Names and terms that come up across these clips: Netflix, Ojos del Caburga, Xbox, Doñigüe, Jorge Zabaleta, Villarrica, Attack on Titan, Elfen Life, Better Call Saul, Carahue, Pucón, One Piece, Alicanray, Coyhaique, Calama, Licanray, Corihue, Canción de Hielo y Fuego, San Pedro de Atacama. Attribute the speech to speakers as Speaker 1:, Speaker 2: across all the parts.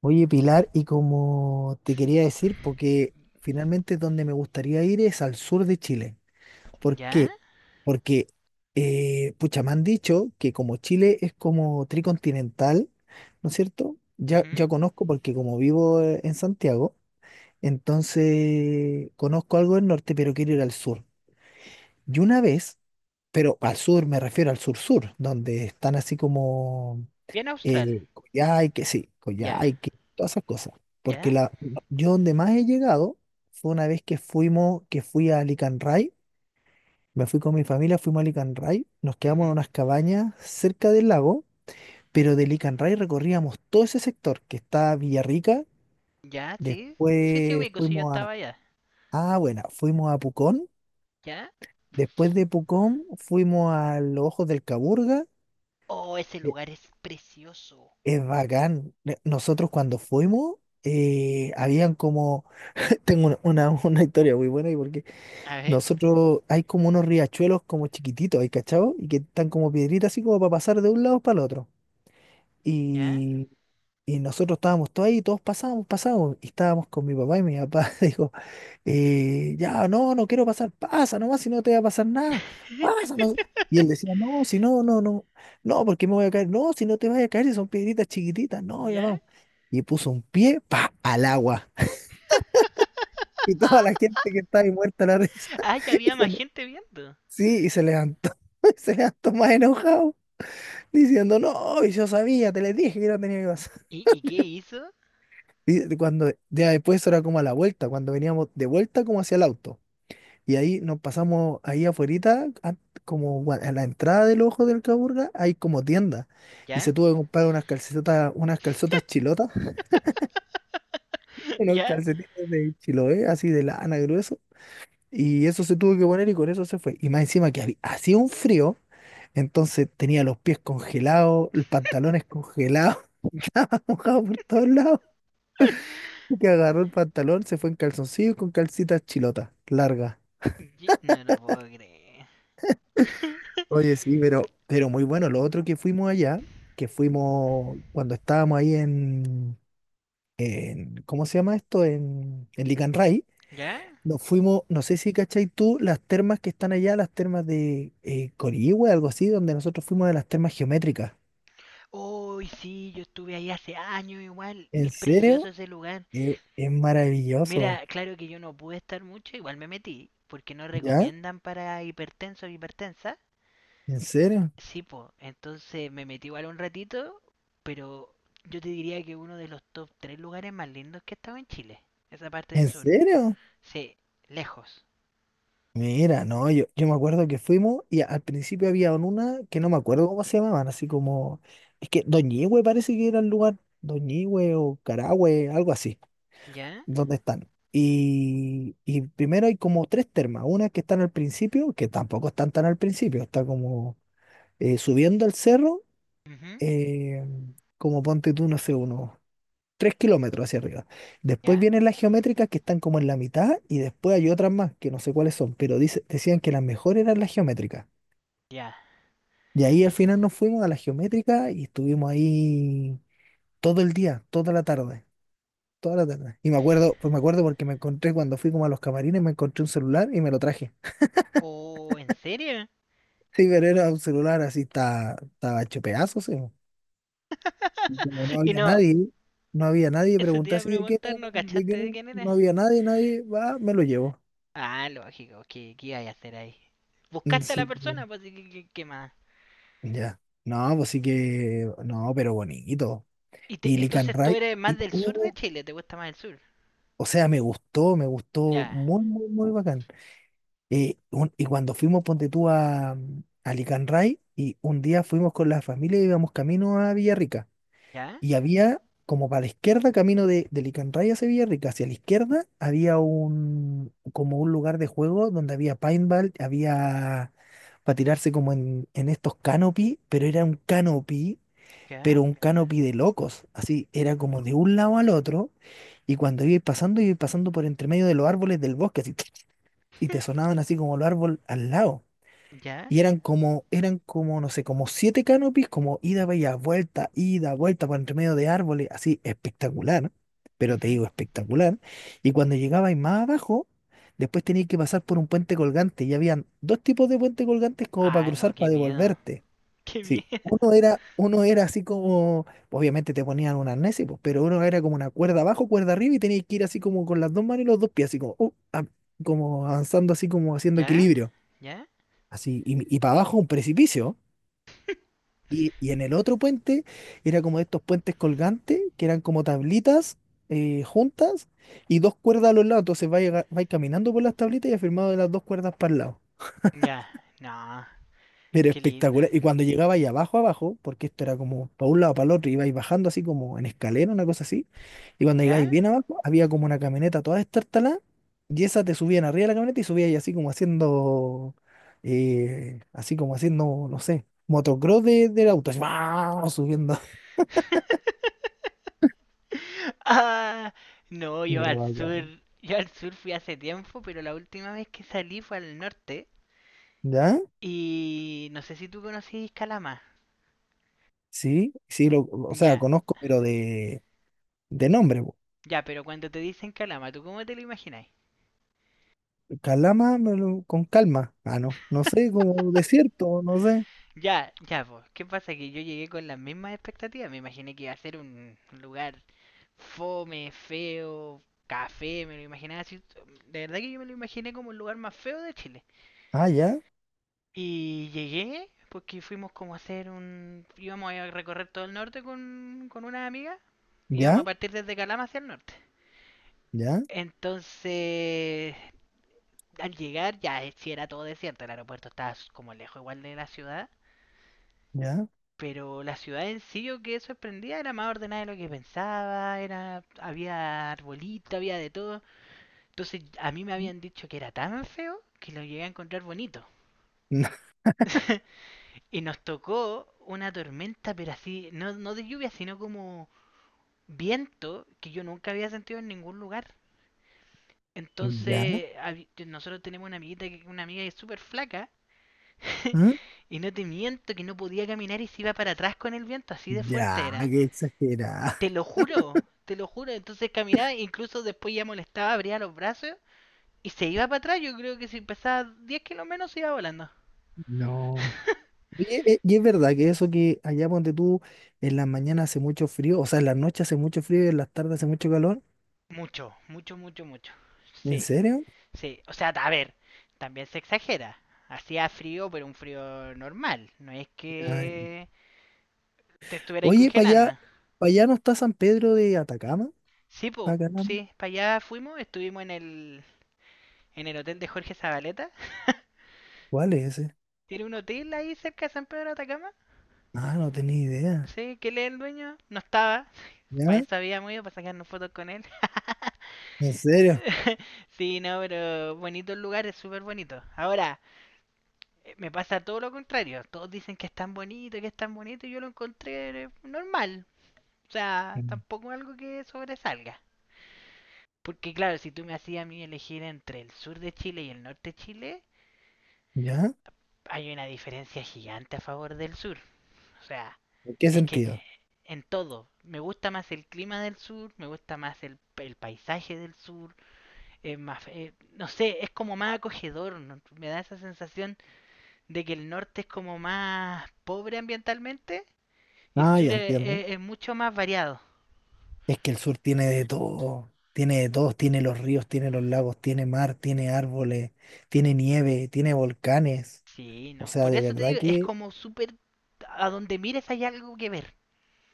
Speaker 1: Oye, Pilar, y como te quería decir, porque finalmente donde me gustaría ir es al sur de Chile. ¿Por
Speaker 2: ¿Ya?
Speaker 1: qué? Porque, pucha, me han dicho que como Chile es como tricontinental, ¿no es cierto? Ya,
Speaker 2: Ujú.
Speaker 1: ya conozco porque como vivo en Santiago, entonces conozco algo del norte, pero quiero ir al sur. Y una vez, pero al sur me refiero al sur-sur, donde están así como
Speaker 2: Bien austral.
Speaker 1: Coyhaique, sí,
Speaker 2: Ya.
Speaker 1: Coyhaique, todas esas cosas. Porque
Speaker 2: ¿Ya?
Speaker 1: la, yo donde más he llegado fue una vez que fui a Alicanray, me fui con mi familia, fuimos a Alicanray, nos
Speaker 2: Ujú.
Speaker 1: quedamos en unas cabañas cerca del lago, pero de Alicanray recorríamos todo ese sector que está Villarrica,
Speaker 2: ¿Ya? Sí. Sí, sí,
Speaker 1: después
Speaker 2: ubico, sí, yo
Speaker 1: fuimos
Speaker 2: estaba
Speaker 1: a,
Speaker 2: allá.
Speaker 1: ah, bueno, fuimos a Pucón,
Speaker 2: ¿Ya?
Speaker 1: después de Pucón fuimos a los Ojos del Caburga.
Speaker 2: Oh, ese
Speaker 1: eh,
Speaker 2: lugar es precioso.
Speaker 1: es bacán. Nosotros cuando fuimos, habían como tengo una una historia muy buena. Y porque
Speaker 2: A ver.
Speaker 1: nosotros hay como unos riachuelos como chiquititos, ¿hay cachado? Y que están como piedritas así como para pasar de un lado para el otro.
Speaker 2: ¿Ya?
Speaker 1: Y, y nosotros estábamos todos ahí, todos pasábamos, pasábamos. Y estábamos con mi papá y mi papá dijo, ya, no, no quiero pasar, pasa nomás, si no te va a pasar nada, pasa. No. Y él decía, no, si no, no, no, no, porque me voy a caer, no, si no te vas a caer, si son piedritas chiquititas, no, ya
Speaker 2: ¿Ya?
Speaker 1: vamos. Y puso un pie, pa, al agua. Y toda la gente que estaba ahí muerta la risa.
Speaker 2: Ah, ya
Speaker 1: Y
Speaker 2: había
Speaker 1: se
Speaker 2: más
Speaker 1: le-
Speaker 2: gente viendo.
Speaker 1: sí, y se levantó. Se levantó más enojado, diciendo, no, y yo sabía, te le dije que no tenía que pasar.
Speaker 2: ¿Y qué hizo?
Speaker 1: Y cuando, ya después eso era como a la vuelta, cuando veníamos de vuelta como hacia el auto. Y ahí nos pasamos ahí afuerita, como a la entrada del ojo del Caburga, hay como tienda. Y
Speaker 2: ¿Ya?
Speaker 1: se tuvo que comprar unas calcetas, unas calzotas chilotas, unos
Speaker 2: ¿Ya?
Speaker 1: calcetines de Chiloé, así de lana grueso. Y eso se tuvo que poner y con eso se fue. Y más encima que hacía un frío, entonces tenía los pies congelados, los pantalones congelados, estaba mojado por todos lados. Y que agarró el pantalón, se fue en calzoncillo y con calcitas chilotas, largas.
Speaker 2: No lo puedo creer.
Speaker 1: Oye, sí, pero muy bueno. Lo otro que fuimos allá, que fuimos cuando estábamos ahí en, ¿cómo se llama esto? En Licanray.
Speaker 2: ¿Ya?
Speaker 1: Nos fuimos, no sé si cachai tú, las termas que están allá, las termas de Corihue, algo así, donde nosotros fuimos de las termas geométricas.
Speaker 2: Uy, sí, yo estuve ahí hace años igual.
Speaker 1: ¿En
Speaker 2: Es precioso
Speaker 1: serio?
Speaker 2: ese lugar.
Speaker 1: Es
Speaker 2: Mira,
Speaker 1: maravilloso.
Speaker 2: claro que yo no pude estar mucho, igual me metí, porque no
Speaker 1: ¿Ya?
Speaker 2: recomiendan para hipertensos o hipertensas.
Speaker 1: ¿En serio?
Speaker 2: Sí, po, entonces me metí igual un ratito, pero yo te diría que uno de los top 3 lugares más lindos que he estado en Chile, esa parte del
Speaker 1: ¿En
Speaker 2: sur.
Speaker 1: serio?
Speaker 2: Sí, lejos.
Speaker 1: Mira, no, yo me acuerdo que fuimos y al principio había una que no me acuerdo cómo se llamaban, así como, es que Doñigüe parece que era el lugar, Doñigüe o Carahue, algo así,
Speaker 2: ¿Ya?
Speaker 1: donde están. Y primero hay como tres termas, una que están al principio, que tampoco están tan al principio, está como subiendo al cerro,
Speaker 2: Ujú,
Speaker 1: eh, como ponte tú, no sé, unos 3 kilómetros hacia arriba. Después
Speaker 2: ¿Ya?
Speaker 1: vienen las geométricas que están como en la mitad y después hay otras más que no sé cuáles son, pero dice, decían que las mejores eran las geométricas.
Speaker 2: ¿Ya?
Speaker 1: Y ahí al final nos fuimos a las geométricas y estuvimos ahí todo el día, toda la tarde. Toda la tarde. Y me acuerdo, pues me acuerdo porque me encontré cuando fui como a los camarines, me encontré un celular y me lo traje.
Speaker 2: ¿Oh, en serio?
Speaker 1: Sí, pero era un celular así, estaba, estaba hecho pedazos, sí. Y como no
Speaker 2: Y
Speaker 1: había
Speaker 2: no,
Speaker 1: nadie, no había nadie,
Speaker 2: eso te
Speaker 1: pregunté
Speaker 2: iba a
Speaker 1: así, ¿de qué no?
Speaker 2: preguntar, ¿no
Speaker 1: No, ¿de qué
Speaker 2: cachaste de
Speaker 1: no?
Speaker 2: quién era?
Speaker 1: No había nadie, nadie, va, me lo llevo.
Speaker 2: Ah, lógico, ¿qué, qué iba a hacer ahí?
Speaker 1: Mm,
Speaker 2: Buscaste a la
Speaker 1: sí,
Speaker 2: persona, pues, ¿qué más?
Speaker 1: ya. No, pues sí que, no, pero bonito.
Speaker 2: Y
Speaker 1: Y Lick and
Speaker 2: entonces tú
Speaker 1: Ride,
Speaker 2: eres más
Speaker 1: y,
Speaker 2: del sur de Chile, te gusta más el sur.
Speaker 1: o sea, me gustó
Speaker 2: Ya,
Speaker 1: muy, muy, muy bacán. Y cuando fuimos, ponte tú a Licanray, y un día fuimos con la familia y íbamos camino a Villarrica.
Speaker 2: ya,
Speaker 1: Y había, como para la izquierda, camino de Licanray hacia Villarrica, hacia la izquierda había un, como un lugar de juego donde había paintball, había para tirarse como en estos canopy, pero era un canopy,
Speaker 2: ya,
Speaker 1: pero un canopy de locos. Así, era como de un lado al otro, y cuando iba pasando por entre medio de los árboles del bosque, así, y te sonaban así como los árboles al lado.
Speaker 2: ya.
Speaker 1: Y eran como, no sé, como siete canopies, como ida, vaya, vuelta, ida, vuelta por entre medio de árboles, así espectacular, pero te
Speaker 2: Ujú.
Speaker 1: digo espectacular. Y cuando llegabais más abajo, después tenías que pasar por un puente colgante y habían dos tipos de puentes colgantes como para
Speaker 2: Ah, no,
Speaker 1: cruzar,
Speaker 2: qué
Speaker 1: para
Speaker 2: miedo.
Speaker 1: devolverte.
Speaker 2: Qué
Speaker 1: Sí,
Speaker 2: miedo.
Speaker 1: uno era así como, obviamente te ponían un arnés, y pues, pero uno era como una cuerda abajo, cuerda arriba y tenías que ir así como con las dos manos y los dos pies, así como, como avanzando así como haciendo
Speaker 2: ¿Ya?
Speaker 1: equilibrio,
Speaker 2: ¿Ya?
Speaker 1: así, y para abajo un precipicio. Y en el otro puente era como estos puentes colgantes, que eran como tablitas juntas y dos cuerdas a los lados, entonces vais, vais caminando por las tablitas y afirmado de las dos cuerdas para el lado.
Speaker 2: Ya. No,
Speaker 1: Pero
Speaker 2: qué lindo.
Speaker 1: espectacular. Y cuando llegaba ahí abajo, abajo, porque esto era como para un lado, para el otro, ibais bajando así como en escalera, una cosa así. Y cuando
Speaker 2: ¿Ya?
Speaker 1: llegáis bien abajo, había como una camioneta toda destartalada. Y esa te subían arriba de la camioneta y subíais así como haciendo, no sé, motocross de, del auto. Así, ¡guau! Subiendo.
Speaker 2: Ah, no, yo
Speaker 1: Pero
Speaker 2: al sur,
Speaker 1: bacán.
Speaker 2: fui hace tiempo, pero la última vez que salí fue al norte.
Speaker 1: ¿Ya?
Speaker 2: Y no sé si tú conocís Calama.
Speaker 1: Sí, sí, lo, o sea,
Speaker 2: Ya,
Speaker 1: conozco, pero de nombre, po.
Speaker 2: ya, pero cuando te dicen Calama, ¿tú cómo te lo imagináis?
Speaker 1: Calama, me lo- con calma. Ah, no, no sé, como desierto, no sé.
Speaker 2: Ya, ya, pues, ¿qué pasa? Que yo llegué con las mismas expectativas. Me imaginé que iba a ser un lugar fome, feo, café, me lo imaginaba así. De verdad que yo me lo imaginé como el lugar más feo de Chile.
Speaker 1: Ah, ya,
Speaker 2: Y llegué, porque fuimos como a hacer un... íbamos a recorrer todo el norte con, unas amigas. Íbamos a
Speaker 1: ya.
Speaker 2: partir desde Calama hacia el norte.
Speaker 1: ¿Ya?
Speaker 2: Entonces, al llegar ya si era todo desierto, el aeropuerto estaba como lejos igual de la ciudad.
Speaker 1: ¿Ya?
Speaker 2: Pero la ciudad en sí yo quedé sorprendida, era más ordenada de lo que pensaba, era, había arbolito, había de todo. Entonces a mí me
Speaker 1: No,
Speaker 2: habían dicho que era tan feo que lo llegué a encontrar bonito. Y nos tocó una tormenta, pero así, no, no de lluvia, sino como viento que yo nunca había sentido en ningún lugar.
Speaker 1: ¿Ya?
Speaker 2: Entonces, nosotros tenemos una amiguita, una amiga que es súper flaca,
Speaker 1: ¿Ah?
Speaker 2: y no te miento que no podía caminar y se iba para atrás con el viento, así de fuerte
Speaker 1: Ya,
Speaker 2: era.
Speaker 1: qué exagerada.
Speaker 2: Te lo juro, te lo juro. Entonces caminaba, incluso después ya molestaba, abría los brazos y se iba para atrás. Yo creo que si pesaba 10 kilos menos se iba volando.
Speaker 1: No. Oye, y es verdad que eso que allá donde tú en la mañana hace mucho frío, o sea, en la noche hace mucho frío y en las tardes hace mucho calor.
Speaker 2: Mucho, mucho, mucho, mucho.
Speaker 1: ¿En
Speaker 2: Sí,
Speaker 1: serio?
Speaker 2: sí. O sea, a ver, también se exagera. Hacía frío, pero un frío normal. No es
Speaker 1: Ay.
Speaker 2: que te estuviera ahí
Speaker 1: Oye,
Speaker 2: congelando.
Speaker 1: para allá no está San Pedro de Atacama,
Speaker 2: Sí,
Speaker 1: para
Speaker 2: pues,
Speaker 1: acá,
Speaker 2: sí, para allá fuimos, estuvimos en el hotel de Jorge Zabaleta.
Speaker 1: ¿cuál es ese?
Speaker 2: Tiene un hotel ahí cerca de San Pedro de Atacama.
Speaker 1: Ah, no tenía idea.
Speaker 2: Sí, que él es el dueño. No estaba. Para
Speaker 1: ¿Ya?
Speaker 2: eso habíamos ido, para sacarnos fotos con él.
Speaker 1: ¿En serio?
Speaker 2: Sí, no, pero bonito el lugar, es súper bonito. Ahora, me pasa todo lo contrario. Todos dicen que es tan bonito, que es tan bonito, y yo lo encontré normal. O sea,
Speaker 1: Mm.
Speaker 2: tampoco algo que sobresalga. Porque claro, si tú me hacías a mí elegir entre el sur de Chile y el norte de Chile,
Speaker 1: ¿Ya?
Speaker 2: hay una diferencia gigante a favor del sur. O sea,
Speaker 1: ¿En qué
Speaker 2: es que
Speaker 1: sentido?
Speaker 2: en todo. Me gusta más el clima del sur, me gusta más el paisaje del sur, es más, no sé, es como más acogedor, ¿no? Me da esa sensación de que el norte es como más pobre ambientalmente y el
Speaker 1: Ah, ya
Speaker 2: sur es,
Speaker 1: entiendo.
Speaker 2: es mucho más variado.
Speaker 1: Es que el sur tiene de todo, tiene de todo, tiene los ríos, tiene los lagos, tiene mar, tiene árboles, tiene nieve, tiene volcanes.
Speaker 2: Sí,
Speaker 1: O
Speaker 2: ¿no?
Speaker 1: sea,
Speaker 2: Por
Speaker 1: de
Speaker 2: eso te
Speaker 1: verdad
Speaker 2: digo, es
Speaker 1: que
Speaker 2: como súper, a donde mires hay algo que ver.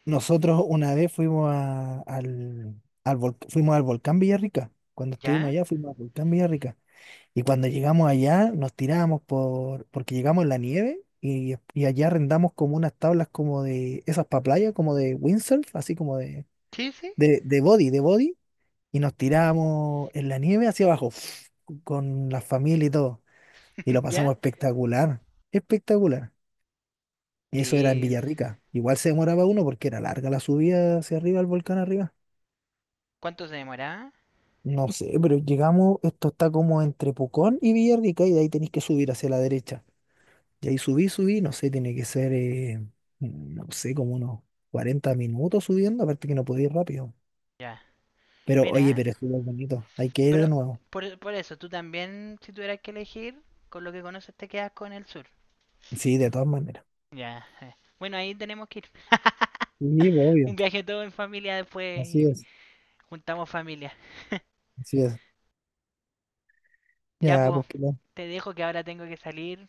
Speaker 1: nosotros una vez fuimos al volcán Villarrica. Cuando estuvimos
Speaker 2: ¿Ya?
Speaker 1: allá fuimos al volcán Villarrica. Y cuando llegamos allá nos tirábamos por, porque llegamos en la nieve y allá arrendamos como unas tablas como de esas para playa, como de windsurf, así como de,
Speaker 2: Sí, sí,
Speaker 1: de, de body, de body. Y nos tiramos en la nieve hacia abajo, con la familia y todo. Y lo pasamos
Speaker 2: ya.
Speaker 1: espectacular, espectacular. Y eso era en
Speaker 2: Sí.
Speaker 1: Villarrica. Igual se demoraba uno porque era larga la subida hacia arriba, al volcán arriba.
Speaker 2: ¿Cuánto se demoraba?
Speaker 1: No sé, pero llegamos, esto está como entre Pucón y Villarrica y de ahí tenéis que subir hacia la derecha. Y ahí no sé, tiene que ser, no sé, como unos 40 minutos subiendo, aparte que no podía ir rápido.
Speaker 2: Ya.
Speaker 1: Pero oye,
Speaker 2: Mira.
Speaker 1: pero estuvo bonito, hay que ir de
Speaker 2: Pero
Speaker 1: nuevo.
Speaker 2: por eso, tú también, si tuvieras que elegir, con lo que conoces te quedas con el sur.
Speaker 1: Sí, de todas maneras.
Speaker 2: Ya. Bueno, ahí tenemos que ir.
Speaker 1: Sí, pues, obvio,
Speaker 2: Un viaje todo en familia después
Speaker 1: así
Speaker 2: y
Speaker 1: es.
Speaker 2: juntamos familia.
Speaker 1: Así es.
Speaker 2: Ya,
Speaker 1: Ya,
Speaker 2: pues,
Speaker 1: pues, que no-
Speaker 2: te dejo que ahora tengo que salir,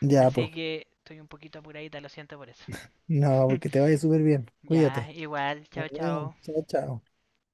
Speaker 1: ya, pues.
Speaker 2: así que estoy un poquito apuradita, lo siento por eso.
Speaker 1: No, pues que te vaya súper bien.
Speaker 2: Ya,
Speaker 1: Cuídate.
Speaker 2: igual,
Speaker 1: Nos
Speaker 2: chao,
Speaker 1: vemos.
Speaker 2: chao.
Speaker 1: Chao, chao.